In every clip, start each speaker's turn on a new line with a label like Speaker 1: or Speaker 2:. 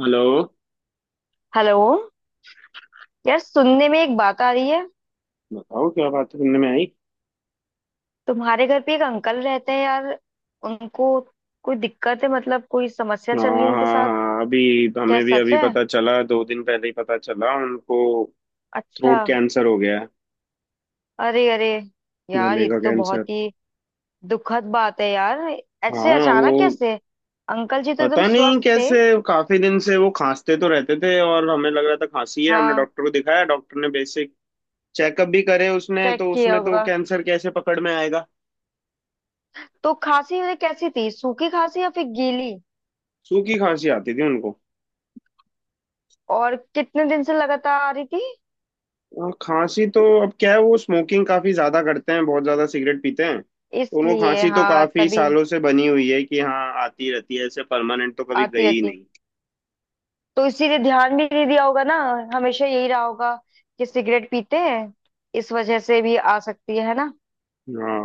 Speaker 1: Hello.
Speaker 2: Hello. यार सुनने में एक बात आ रही है।
Speaker 1: बताओ क्या बात सुनने में आई।
Speaker 2: तुम्हारे घर पे एक अंकल रहते हैं यार। उनको कोई दिक्कत है, मतलब कोई समस्या चल रही है
Speaker 1: हाँ,
Speaker 2: उनके
Speaker 1: हाँ
Speaker 2: साथ?
Speaker 1: हाँ अभी
Speaker 2: क्या
Speaker 1: हमें भी
Speaker 2: सच
Speaker 1: अभी
Speaker 2: है?
Speaker 1: पता चला, 2 दिन पहले ही पता चला। उनको
Speaker 2: अच्छा।
Speaker 1: थ्रोट कैंसर हो गया है,
Speaker 2: अरे अरे, यार
Speaker 1: गले
Speaker 2: ये
Speaker 1: का
Speaker 2: तो
Speaker 1: कैंसर।
Speaker 2: बहुत ही दुखद बात है यार। ऐसे
Speaker 1: हाँ
Speaker 2: अचानक
Speaker 1: वो
Speaker 2: कैसे? अंकल जी तो एकदम
Speaker 1: पता नहीं
Speaker 2: स्वस्थ थे।
Speaker 1: कैसे। काफी दिन से वो खांसते तो रहते थे और हमें लग रहा था खांसी है, हमने
Speaker 2: हाँ,
Speaker 1: डॉक्टर को दिखाया, डॉक्टर ने बेसिक चेकअप भी करे उसने,
Speaker 2: चेक
Speaker 1: तो
Speaker 2: किया
Speaker 1: उसमें तो
Speaker 2: होगा।
Speaker 1: कैंसर कैसे पकड़ में आएगा।
Speaker 2: तो खांसी उन्हें कैसी थी, सूखी खांसी या फिर गीली?
Speaker 1: सूखी खांसी आती थी उनको।
Speaker 2: और कितने दिन से लगातार आ रही थी?
Speaker 1: हाँ, खांसी तो अब क्या है, वो स्मोकिंग काफी ज्यादा करते हैं, बहुत ज्यादा सिगरेट पीते हैं, तो उनको
Speaker 2: इसलिए
Speaker 1: खांसी तो
Speaker 2: हाँ,
Speaker 1: काफी
Speaker 2: तभी
Speaker 1: सालों से बनी हुई है कि हाँ आती रहती है, ऐसे परमानेंट तो कभी
Speaker 2: आती
Speaker 1: गई ही
Speaker 2: रहती है।
Speaker 1: नहीं।
Speaker 2: तो इसीलिए ध्यान भी नहीं दिया होगा ना। हमेशा यही रहा होगा कि सिगरेट पीते हैं, इस वजह से भी आ सकती है ना?
Speaker 1: हाँ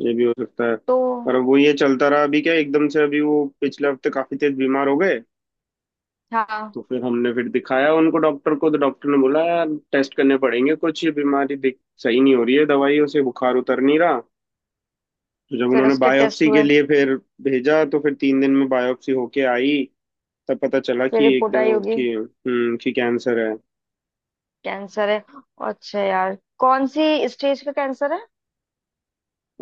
Speaker 1: ये भी हो सकता है।
Speaker 2: तो
Speaker 1: पर अब वो ये चलता रहा, अभी क्या एकदम से अभी वो पिछले हफ्ते काफी तेज बीमार हो गए।
Speaker 2: हाँ,
Speaker 1: तो फिर हमने फिर दिखाया उनको डॉक्टर को, तो डॉक्टर ने बोला यार टेस्ट करने पड़ेंगे कुछ, ये बीमारी दिख सही नहीं हो रही है, दवाइयों से बुखार उतर नहीं रहा। तो जब
Speaker 2: फिर
Speaker 1: उन्होंने
Speaker 2: उसके टेस्ट
Speaker 1: बायोप्सी के
Speaker 2: हुए।
Speaker 1: लिए फिर भेजा, तो फिर 3 दिन में बायोप्सी होके आई, तब पता चला
Speaker 2: फिर
Speaker 1: कि
Speaker 2: रिपोर्ट आई
Speaker 1: एकदम
Speaker 2: होगी,
Speaker 1: कि कैंसर है।
Speaker 2: कैंसर है। अच्छा यार, कौन सी स्टेज का कैंसर है?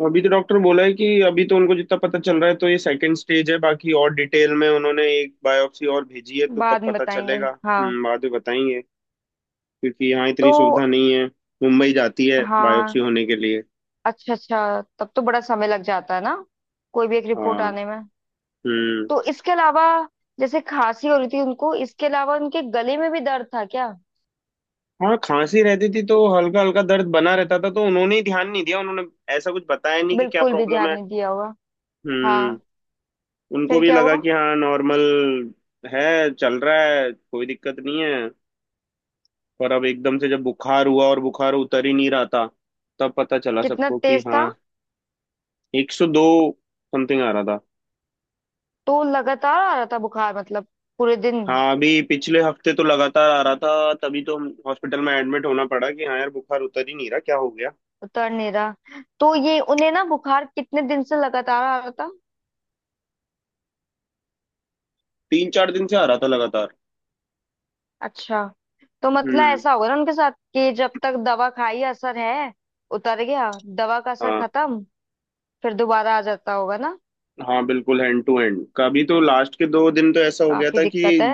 Speaker 1: अभी तो डॉक्टर बोला है कि अभी तो उनको जितना पता चल रहा है, तो ये सेकंड स्टेज है, बाकी और डिटेल में उन्होंने एक बायोप्सी और भेजी है, तो तब
Speaker 2: बाद में
Speaker 1: पता
Speaker 2: बताएंगे।
Speaker 1: चलेगा,
Speaker 2: हाँ।
Speaker 1: बाद में बताएंगे। क्योंकि यहाँ इतनी
Speaker 2: तो
Speaker 1: सुविधा नहीं है, मुंबई जाती है बायोप्सी
Speaker 2: हाँ,
Speaker 1: होने के लिए।
Speaker 2: अच्छा अच्छा, तब तो बड़ा समय लग जाता है ना, कोई भी एक रिपोर्ट
Speaker 1: हाँ।
Speaker 2: आने में।
Speaker 1: हम्म।
Speaker 2: तो इसके अलावा, जैसे खांसी हो रही थी उनको, इसके अलावा उनके गले में भी दर्द था क्या?
Speaker 1: हाँ, खांसी रहती थी तो हल्का हल्का दर्द बना रहता था, तो उन्होंने ही ध्यान नहीं दिया, उन्होंने ऐसा कुछ बताया नहीं कि क्या
Speaker 2: बिल्कुल भी
Speaker 1: प्रॉब्लम
Speaker 2: ध्यान
Speaker 1: है।
Speaker 2: नहीं दिया होगा।
Speaker 1: हम्म।
Speaker 2: हाँ,
Speaker 1: उनको
Speaker 2: फिर
Speaker 1: भी
Speaker 2: क्या
Speaker 1: लगा
Speaker 2: हुआ?
Speaker 1: कि हाँ नॉर्मल है, चल रहा है, कोई दिक्कत नहीं है। पर अब एकदम से जब बुखार हुआ और बुखार उतर ही नहीं रहा था, तब पता चला
Speaker 2: कितना
Speaker 1: सबको कि
Speaker 2: तेज था?
Speaker 1: हाँ 102 समथिंग आ रहा था।
Speaker 2: तो लगातार आ रहा था बुखार, मतलब पूरे दिन?
Speaker 1: हाँ अभी पिछले हफ्ते तो लगातार आ रहा था, तभी तो हम हॉस्पिटल में एडमिट होना पड़ा कि हाँ यार बुखार उतर ही नहीं रहा, क्या हो गया।
Speaker 2: उतर नहीं रहा, तो ये उन्हें ना, बुखार कितने दिन से लगातार आ रहा था?
Speaker 1: 3-4 दिन से आ रहा था लगातार।
Speaker 2: अच्छा। तो मतलब
Speaker 1: हम्म।
Speaker 2: ऐसा होगा ना उनके साथ, कि जब तक दवा खाई असर है, उतर गया दवा का असर
Speaker 1: हाँ
Speaker 2: खत्म, फिर दोबारा आ जाता होगा ना।
Speaker 1: हाँ बिल्कुल, हैंड टू हैंड, कभी तो लास्ट के 2 दिन तो ऐसा हो गया
Speaker 2: काफी
Speaker 1: था
Speaker 2: दिक्कत
Speaker 1: कि
Speaker 2: है।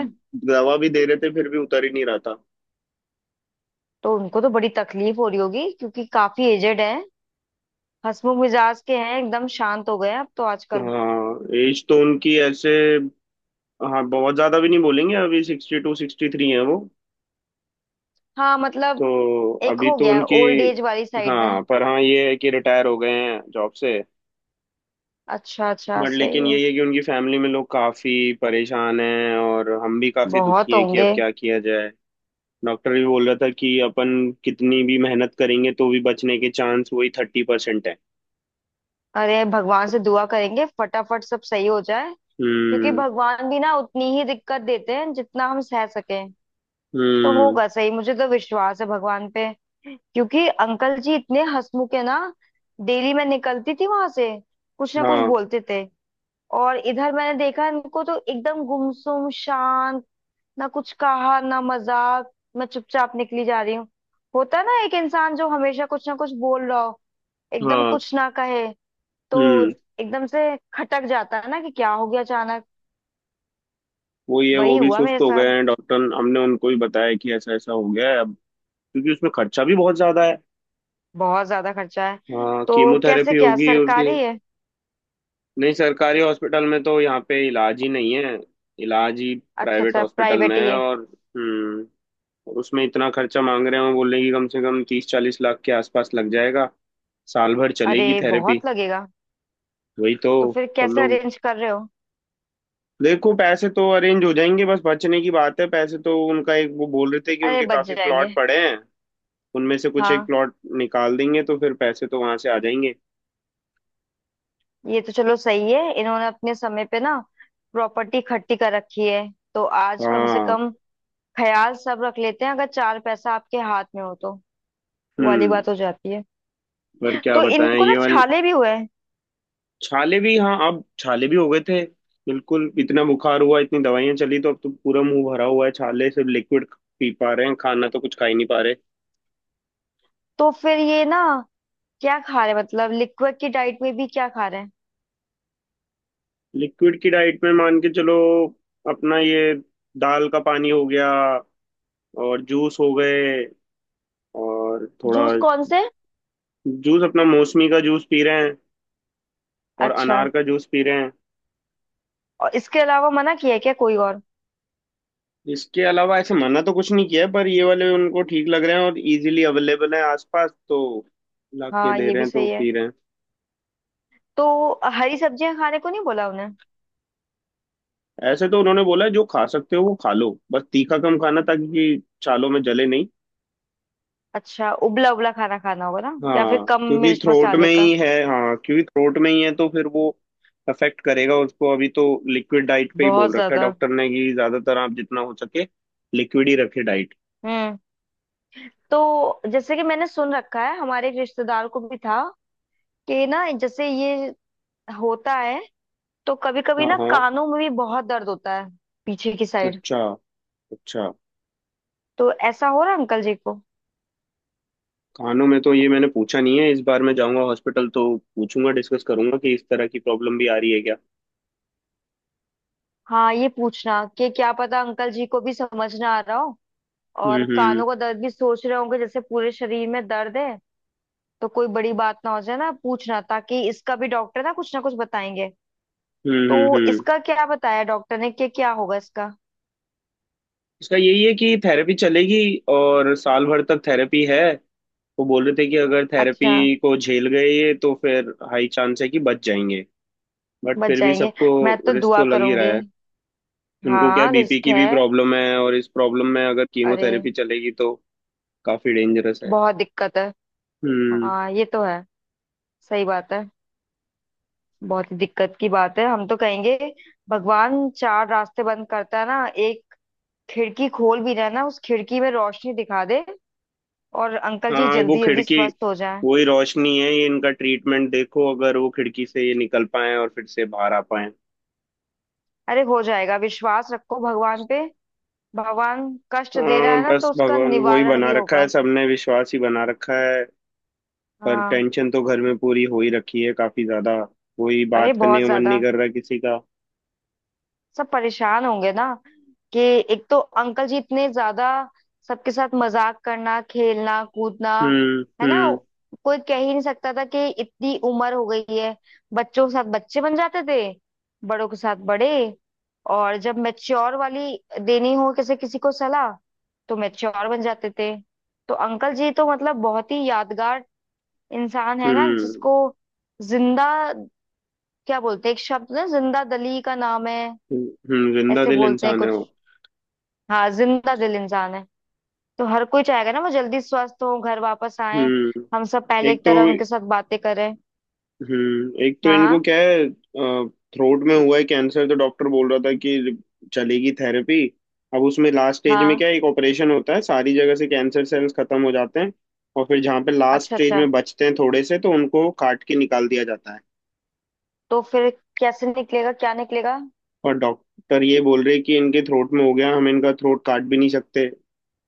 Speaker 1: दवा भी दे रहे थे फिर भी उतर ही नहीं रहा था।
Speaker 2: तो उनको तो बड़ी तकलीफ हो रही होगी, क्योंकि काफी एजेड है। हंसमुख मिजाज के हैं, एकदम शांत हो गए हैं अब तो आजकल।
Speaker 1: हाँ एज तो उनकी ऐसे, हाँ बहुत ज्यादा भी नहीं, बोलेंगे अभी 62 63 है वो।
Speaker 2: हाँ मतलब,
Speaker 1: तो
Speaker 2: एक
Speaker 1: अभी
Speaker 2: हो
Speaker 1: तो
Speaker 2: गया
Speaker 1: उनकी,
Speaker 2: ओल्ड एज वाली साइड में।
Speaker 1: हाँ, पर हाँ ये है कि रिटायर हो गए हैं जॉब से।
Speaker 2: अच्छा अच्छा,
Speaker 1: बट
Speaker 2: सही
Speaker 1: लेकिन ये
Speaker 2: है।
Speaker 1: है कि उनकी फैमिली में लोग काफी परेशान हैं, और हम भी काफी दुखी
Speaker 2: बहुत
Speaker 1: हैं कि अब
Speaker 2: होंगे।
Speaker 1: क्या किया जाए। डॉक्टर भी बोल रहा था कि अपन कितनी भी मेहनत करेंगे तो भी बचने के चांस वही 30% है।
Speaker 2: अरे भगवान से दुआ करेंगे, फटाफट सब सही हो जाए। क्योंकि
Speaker 1: हम्म
Speaker 2: भगवान भी ना उतनी ही दिक्कत देते हैं जितना हम सह सकें। तो
Speaker 1: हम्म।
Speaker 2: होगा सही, मुझे तो विश्वास है भगवान पे। क्योंकि अंकल जी इतने हंसमुख है ना। डेली मैं निकलती थी वहां से, कुछ ना कुछ
Speaker 1: हाँ
Speaker 2: बोलते थे। और इधर मैंने देखा इनको तो एकदम गुमसुम शांत, ना कुछ कहा ना मजाक। मैं चुपचाप निकली जा रही हूँ। होता है ना, एक इंसान जो हमेशा कुछ ना कुछ बोल रहा हो, एकदम
Speaker 1: हाँ।
Speaker 2: कुछ ना कहे। तो
Speaker 1: हम्म
Speaker 2: एकदम से खटक जाता है ना, कि क्या हो गया अचानक।
Speaker 1: वो ये
Speaker 2: वही
Speaker 1: वो भी
Speaker 2: हुआ
Speaker 1: सुस्त
Speaker 2: मेरे
Speaker 1: हो
Speaker 2: साथ।
Speaker 1: गए हैं, डॉक्टर, हमने उनको भी बताया कि ऐसा ऐसा हो गया है अब, क्योंकि उसमें खर्चा भी बहुत ज्यादा है।
Speaker 2: बहुत ज्यादा खर्चा है,
Speaker 1: हाँ
Speaker 2: तो कैसे,
Speaker 1: कीमोथेरेपी
Speaker 2: क्या
Speaker 1: होगी उसकी।
Speaker 2: सरकारी है?
Speaker 1: नहीं, सरकारी हॉस्पिटल में तो यहाँ पे इलाज ही नहीं है, इलाज ही
Speaker 2: अच्छा
Speaker 1: प्राइवेट
Speaker 2: अच्छा,
Speaker 1: हॉस्पिटल में
Speaker 2: प्राइवेट ही
Speaker 1: है।
Speaker 2: है।
Speaker 1: और हम्म, और उसमें इतना खर्चा मांग रहे हैं, वो बोल रहे हैं कि कम से कम 30-40 लाख के आसपास लग जाएगा, साल भर चलेगी
Speaker 2: अरे
Speaker 1: थेरेपी।
Speaker 2: बहुत लगेगा।
Speaker 1: वही तो।
Speaker 2: तो फिर
Speaker 1: सब
Speaker 2: कैसे
Speaker 1: लोग
Speaker 2: अरेंज कर रहे हो?
Speaker 1: देखो, पैसे तो अरेंज हो जाएंगे, बस बचने की बात है, पैसे तो उनका एक वो बोल रहे थे कि
Speaker 2: अरे
Speaker 1: उनके
Speaker 2: बच
Speaker 1: काफी प्लॉट
Speaker 2: जाएंगे।
Speaker 1: पड़े हैं, उनमें से कुछ एक
Speaker 2: हाँ
Speaker 1: प्लॉट निकाल देंगे तो फिर पैसे तो वहां से आ जाएंगे।
Speaker 2: ये तो चलो सही है, इन्होंने अपने समय पे ना प्रॉपर्टी इकट्ठी कर रखी है। तो आज कम से
Speaker 1: हाँ।
Speaker 2: कम ख्याल सब रख लेते हैं, अगर चार पैसा आपके हाथ में हो तो वो वाली
Speaker 1: हम्म।
Speaker 2: बात हो जाती है।
Speaker 1: पर क्या
Speaker 2: तो
Speaker 1: बताएं
Speaker 2: इनको ना
Speaker 1: ये वाल।
Speaker 2: छाले भी हुए।
Speaker 1: छाले भी, हाँ अब छाले भी हो गए थे, बिल्कुल इतना बुखार हुआ, इतनी दवाइयां चली, तो अब तो पूरा मुंह भरा हुआ है छाले, सिर्फ लिक्विड पी पा रहे हैं, खाना तो कुछ खा ही नहीं पा रहे।
Speaker 2: तो फिर ये ना, क्या खा रहे हैं? मतलब लिक्विड की डाइट में भी क्या खा रहे हैं?
Speaker 1: लिक्विड की डाइट में मान के चलो, अपना ये दाल का पानी हो गया, और जूस हो गए, और थोड़ा
Speaker 2: जूस कौन से?
Speaker 1: जूस अपना, मौसमी का जूस पी रहे हैं, और
Speaker 2: अच्छा।
Speaker 1: अनार का जूस पी रहे हैं।
Speaker 2: और इसके अलावा मना किया है क्या कोई और?
Speaker 1: इसके अलावा ऐसे मना तो कुछ नहीं किया है, पर ये वाले उनको ठीक लग रहे हैं और इजीली अवेलेबल है आसपास, तो ला के
Speaker 2: हाँ
Speaker 1: दे
Speaker 2: ये
Speaker 1: रहे
Speaker 2: भी
Speaker 1: हैं, तो
Speaker 2: सही है।
Speaker 1: पी रहे हैं।
Speaker 2: तो हरी सब्जियां खाने को नहीं बोला उन्हें?
Speaker 1: ऐसे तो उन्होंने बोला है, जो खा सकते हो वो खा लो, बस तीखा कम खाना ताकि कि छालों में जले नहीं।
Speaker 2: अच्छा, उबला उबला खाना खाना होगा ना, या फिर
Speaker 1: हाँ
Speaker 2: कम
Speaker 1: क्योंकि
Speaker 2: मिर्च
Speaker 1: थ्रोट
Speaker 2: मसाले
Speaker 1: में
Speaker 2: का?
Speaker 1: ही है, हाँ क्योंकि थ्रोट में ही है, तो फिर वो अफेक्ट करेगा उसको। अभी तो लिक्विड डाइट पे ही
Speaker 2: बहुत
Speaker 1: बोल रखा है
Speaker 2: ज्यादा।
Speaker 1: डॉक्टर ने, कि ज्यादातर आप जितना हो सके लिक्विड ही रखे डाइट।
Speaker 2: हम्म। तो जैसे कि मैंने सुन रखा है, हमारे एक रिश्तेदार को भी था, कि ना जैसे ये होता है, तो कभी कभी
Speaker 1: हाँ।
Speaker 2: ना
Speaker 1: हाँ।
Speaker 2: कानों में भी बहुत दर्द होता है, पीछे की साइड।
Speaker 1: अच्छा अच्छा।
Speaker 2: तो ऐसा हो रहा है अंकल जी को?
Speaker 1: खानों में तो ये मैंने पूछा नहीं है, इस बार मैं जाऊंगा हॉस्पिटल तो पूछूंगा, डिस्कस करूंगा कि इस तरह की प्रॉब्लम भी आ रही है क्या।
Speaker 2: हाँ ये पूछना, कि क्या पता अंकल जी को भी समझ ना आ रहा हो, और
Speaker 1: हम्म हम्म
Speaker 2: कानों का दर्द भी सोच रहे होंगे जैसे पूरे शरीर में दर्द है। तो कोई बड़ी बात ना हो जाए ना, पूछना ताकि इसका भी डॉक्टर ना कुछ बताएंगे।
Speaker 1: हम्म
Speaker 2: तो
Speaker 1: हम्म हम्म।
Speaker 2: इसका क्या बताया डॉक्टर ने, कि क्या होगा इसका?
Speaker 1: इसका यही है कि थेरेपी चलेगी, और साल भर तक थेरेपी है। वो बोल रहे थे कि अगर
Speaker 2: अच्छा।
Speaker 1: थेरेपी को झेल गए ये, तो फिर हाई चांस है कि बच जाएंगे। बट
Speaker 2: बच
Speaker 1: फिर भी
Speaker 2: जाएंगे।
Speaker 1: सबको
Speaker 2: मैं तो
Speaker 1: रिस्क
Speaker 2: दुआ
Speaker 1: तो लग ही रहा
Speaker 2: करूंगी।
Speaker 1: है। उनको क्या,
Speaker 2: हाँ
Speaker 1: बीपी
Speaker 2: रिस्क
Speaker 1: की भी
Speaker 2: है।
Speaker 1: प्रॉब्लम है, और इस प्रॉब्लम में अगर
Speaker 2: अरे
Speaker 1: कीमोथेरेपी चलेगी तो काफी डेंजरस है।
Speaker 2: बहुत दिक्कत है।
Speaker 1: हम्म।
Speaker 2: हाँ ये तो है। सही बात है। बहुत ही दिक्कत की बात है, हम तो कहेंगे भगवान चार रास्ते बंद करता है ना, एक खिड़की खोल भी रहा ना, उस खिड़की में रोशनी दिखा दे, और अंकल जी
Speaker 1: हाँ, वो
Speaker 2: जल्दी जल्दी
Speaker 1: खिड़की
Speaker 2: स्वस्थ हो जाएं।
Speaker 1: वही रोशनी है ये इनका ट्रीटमेंट, देखो अगर वो खिड़की से ये निकल पाए और फिर से बाहर आ पाए।
Speaker 2: अरे हो जाएगा, विश्वास रखो भगवान पे। भगवान कष्ट दे रहा
Speaker 1: हाँ,
Speaker 2: है ना,
Speaker 1: बस
Speaker 2: तो उसका
Speaker 1: भगवान वही
Speaker 2: निवारण
Speaker 1: बना
Speaker 2: भी
Speaker 1: रखा है,
Speaker 2: होगा।
Speaker 1: सबने विश्वास ही बना रखा है। पर
Speaker 2: हाँ।
Speaker 1: टेंशन तो घर में पूरी हो ही रखी है, काफी ज्यादा, कोई
Speaker 2: अरे
Speaker 1: बात करने
Speaker 2: बहुत
Speaker 1: का मन नहीं
Speaker 2: ज्यादा।
Speaker 1: कर रहा किसी का।
Speaker 2: सब परेशान होंगे ना, कि एक तो अंकल जी इतने ज्यादा सबके साथ मजाक करना खेलना कूदना,
Speaker 1: हम्म
Speaker 2: है ना।
Speaker 1: हम्म
Speaker 2: कोई कह ही नहीं सकता था कि इतनी उम्र हो गई है। बच्चों के साथ बच्चे बन जाते थे, बड़ों के साथ बड़े। और जब मैच्योर वाली देनी हो किसी किसी को सलाह, तो मैच्योर बन जाते थे। तो अंकल जी तो मतलब बहुत ही यादगार इंसान है ना।
Speaker 1: हम्म
Speaker 2: जिसको जिंदा, क्या बोलते हैं एक शब्द ना, जिंदा दली का नाम है।
Speaker 1: हम्म। जिंदा
Speaker 2: ऐसे
Speaker 1: दिल
Speaker 2: बोलते हैं
Speaker 1: इंसान है
Speaker 2: कुछ।
Speaker 1: वो।
Speaker 2: हाँ, जिंदा दिल इंसान है। तो हर कोई चाहेगा ना, वो जल्दी स्वस्थ हो, घर वापस आए,
Speaker 1: हम्म
Speaker 2: हम सब पहले
Speaker 1: एक
Speaker 2: एक
Speaker 1: तो,
Speaker 2: तरह उनके साथ बातें करें।
Speaker 1: एक तो
Speaker 2: हाँ
Speaker 1: इनको
Speaker 2: हाँ।
Speaker 1: क्या है, थ्रोट में हुआ है कैंसर, तो डॉक्टर बोल रहा था कि चलेगी थेरेपी। अब उसमें लास्ट स्टेज में
Speaker 2: हाँ।
Speaker 1: क्या है, एक ऑपरेशन होता है, सारी जगह से कैंसर सेल्स खत्म हो जाते हैं, और फिर जहाँ पे लास्ट
Speaker 2: अच्छा
Speaker 1: स्टेज
Speaker 2: अच्छा।
Speaker 1: में बचते हैं थोड़े से, तो उनको काट के निकाल दिया जाता है।
Speaker 2: तो फिर कैसे निकलेगा, क्या निकलेगा?
Speaker 1: और डॉक्टर ये बोल रहे कि इनके थ्रोट में हो गया, हम इनका थ्रोट काट भी नहीं सकते,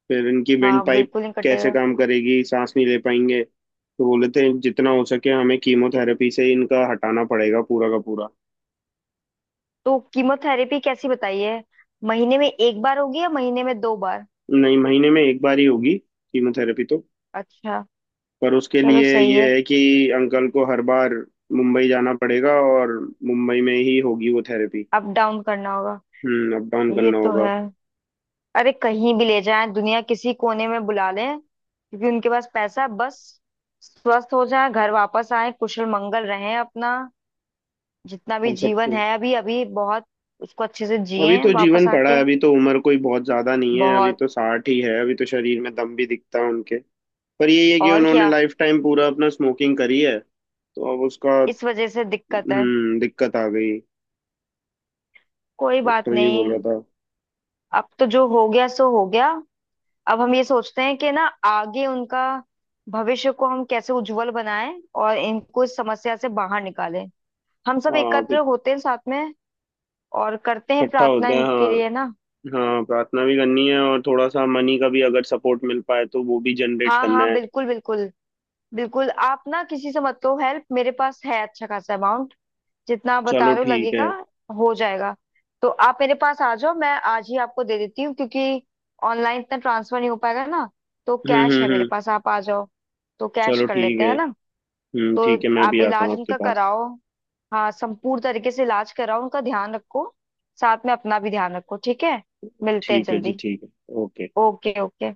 Speaker 1: फिर इनकी वेंट
Speaker 2: हाँ
Speaker 1: पाइप
Speaker 2: बिल्कुल नहीं
Speaker 1: कैसे
Speaker 2: कटेगा।
Speaker 1: काम करेगी, सांस नहीं ले पाएंगे, तो बोले थे जितना हो सके हमें कीमोथेरेपी से इनका हटाना पड़ेगा पूरा का पूरा।
Speaker 2: तो कीमोथेरेपी कैसी बताई है, महीने में एक बार होगी या महीने में दो बार?
Speaker 1: नहीं, महीने में एक बार ही होगी कीमोथेरेपी तो।
Speaker 2: अच्छा,
Speaker 1: पर उसके
Speaker 2: चलो
Speaker 1: लिए
Speaker 2: सही है।
Speaker 1: ये है कि अंकल को हर बार मुंबई जाना पड़ेगा, और मुंबई में ही होगी वो थेरेपी।
Speaker 2: अप डाउन करना होगा।
Speaker 1: अप डाउन
Speaker 2: ये
Speaker 1: करना
Speaker 2: तो
Speaker 1: होगा।
Speaker 2: है। अरे कहीं भी ले जाएं, दुनिया किसी कोने में बुला लें, क्योंकि उनके पास पैसा है, बस स्वस्थ हो जाए, घर वापस आए, कुशल मंगल रहें अपना। जितना भी
Speaker 1: अब
Speaker 2: जीवन
Speaker 1: सबको,
Speaker 2: है अभी, अभी बहुत उसको अच्छे से
Speaker 1: अभी
Speaker 2: जिएं,
Speaker 1: तो
Speaker 2: वापस
Speaker 1: जीवन पड़ा है,
Speaker 2: आके।
Speaker 1: अभी तो उम्र कोई बहुत ज्यादा नहीं है, अभी
Speaker 2: बहुत।
Speaker 1: तो 60 ही है, अभी तो शरीर में दम भी दिखता है उनके। पर यही है कि
Speaker 2: और
Speaker 1: उन्होंने
Speaker 2: क्या,
Speaker 1: लाइफ टाइम पूरा अपना स्मोकिंग करी है, तो अब उसका,
Speaker 2: इस वजह से दिक्कत है।
Speaker 1: दिक्कत आ गई।
Speaker 2: कोई बात
Speaker 1: डॉक्टर ये बोल रहा
Speaker 2: नहीं,
Speaker 1: था।
Speaker 2: अब तो जो हो गया सो हो गया। अब हम ये सोचते हैं कि ना, आगे उनका भविष्य को हम कैसे उज्जवल बनाएं, और इनको इस समस्या से बाहर निकालें। हम सब
Speaker 1: हाँ
Speaker 2: एकत्र
Speaker 1: अभी
Speaker 2: होते हैं साथ में, और करते हैं
Speaker 1: इकट्ठा
Speaker 2: प्रार्थना
Speaker 1: होते हैं। हाँ,
Speaker 2: इनके लिए ना।
Speaker 1: हाँ प्रार्थना भी करनी है, और थोड़ा सा मनी का भी अगर सपोर्ट मिल पाए तो वो भी जनरेट
Speaker 2: हाँ
Speaker 1: करना
Speaker 2: हाँ,
Speaker 1: है।
Speaker 2: बिल्कुल बिल्कुल। बिल्कुल आप ना किसी से मत लो हेल्प, मेरे पास है अच्छा खासा अमाउंट, जितना आप बता
Speaker 1: चलो
Speaker 2: रहे हो
Speaker 1: ठीक
Speaker 2: लगेगा।
Speaker 1: है।
Speaker 2: हो जाएगा। तो आप मेरे पास आ जाओ, मैं आज ही आपको दे देती हूँ। क्योंकि ऑनलाइन इतना ट्रांसफर नहीं हो पाएगा ना, तो कैश है मेरे
Speaker 1: हम्म।
Speaker 2: पास, आप आ जाओ। तो कैश
Speaker 1: चलो
Speaker 2: कर
Speaker 1: ठीक
Speaker 2: लेते
Speaker 1: है।
Speaker 2: हैं ना। तो
Speaker 1: ठीक है, मैं
Speaker 2: आप
Speaker 1: भी आता हूँ
Speaker 2: इलाज
Speaker 1: आपके
Speaker 2: उनका
Speaker 1: पास।
Speaker 2: कराओ। हाँ संपूर्ण तरीके से इलाज कराओ, उनका ध्यान रखो, साथ में अपना भी ध्यान रखो। ठीक है, मिलते हैं
Speaker 1: ठीक है जी,
Speaker 2: जल्दी।
Speaker 1: ठीक है। ओके।
Speaker 2: Okay okay.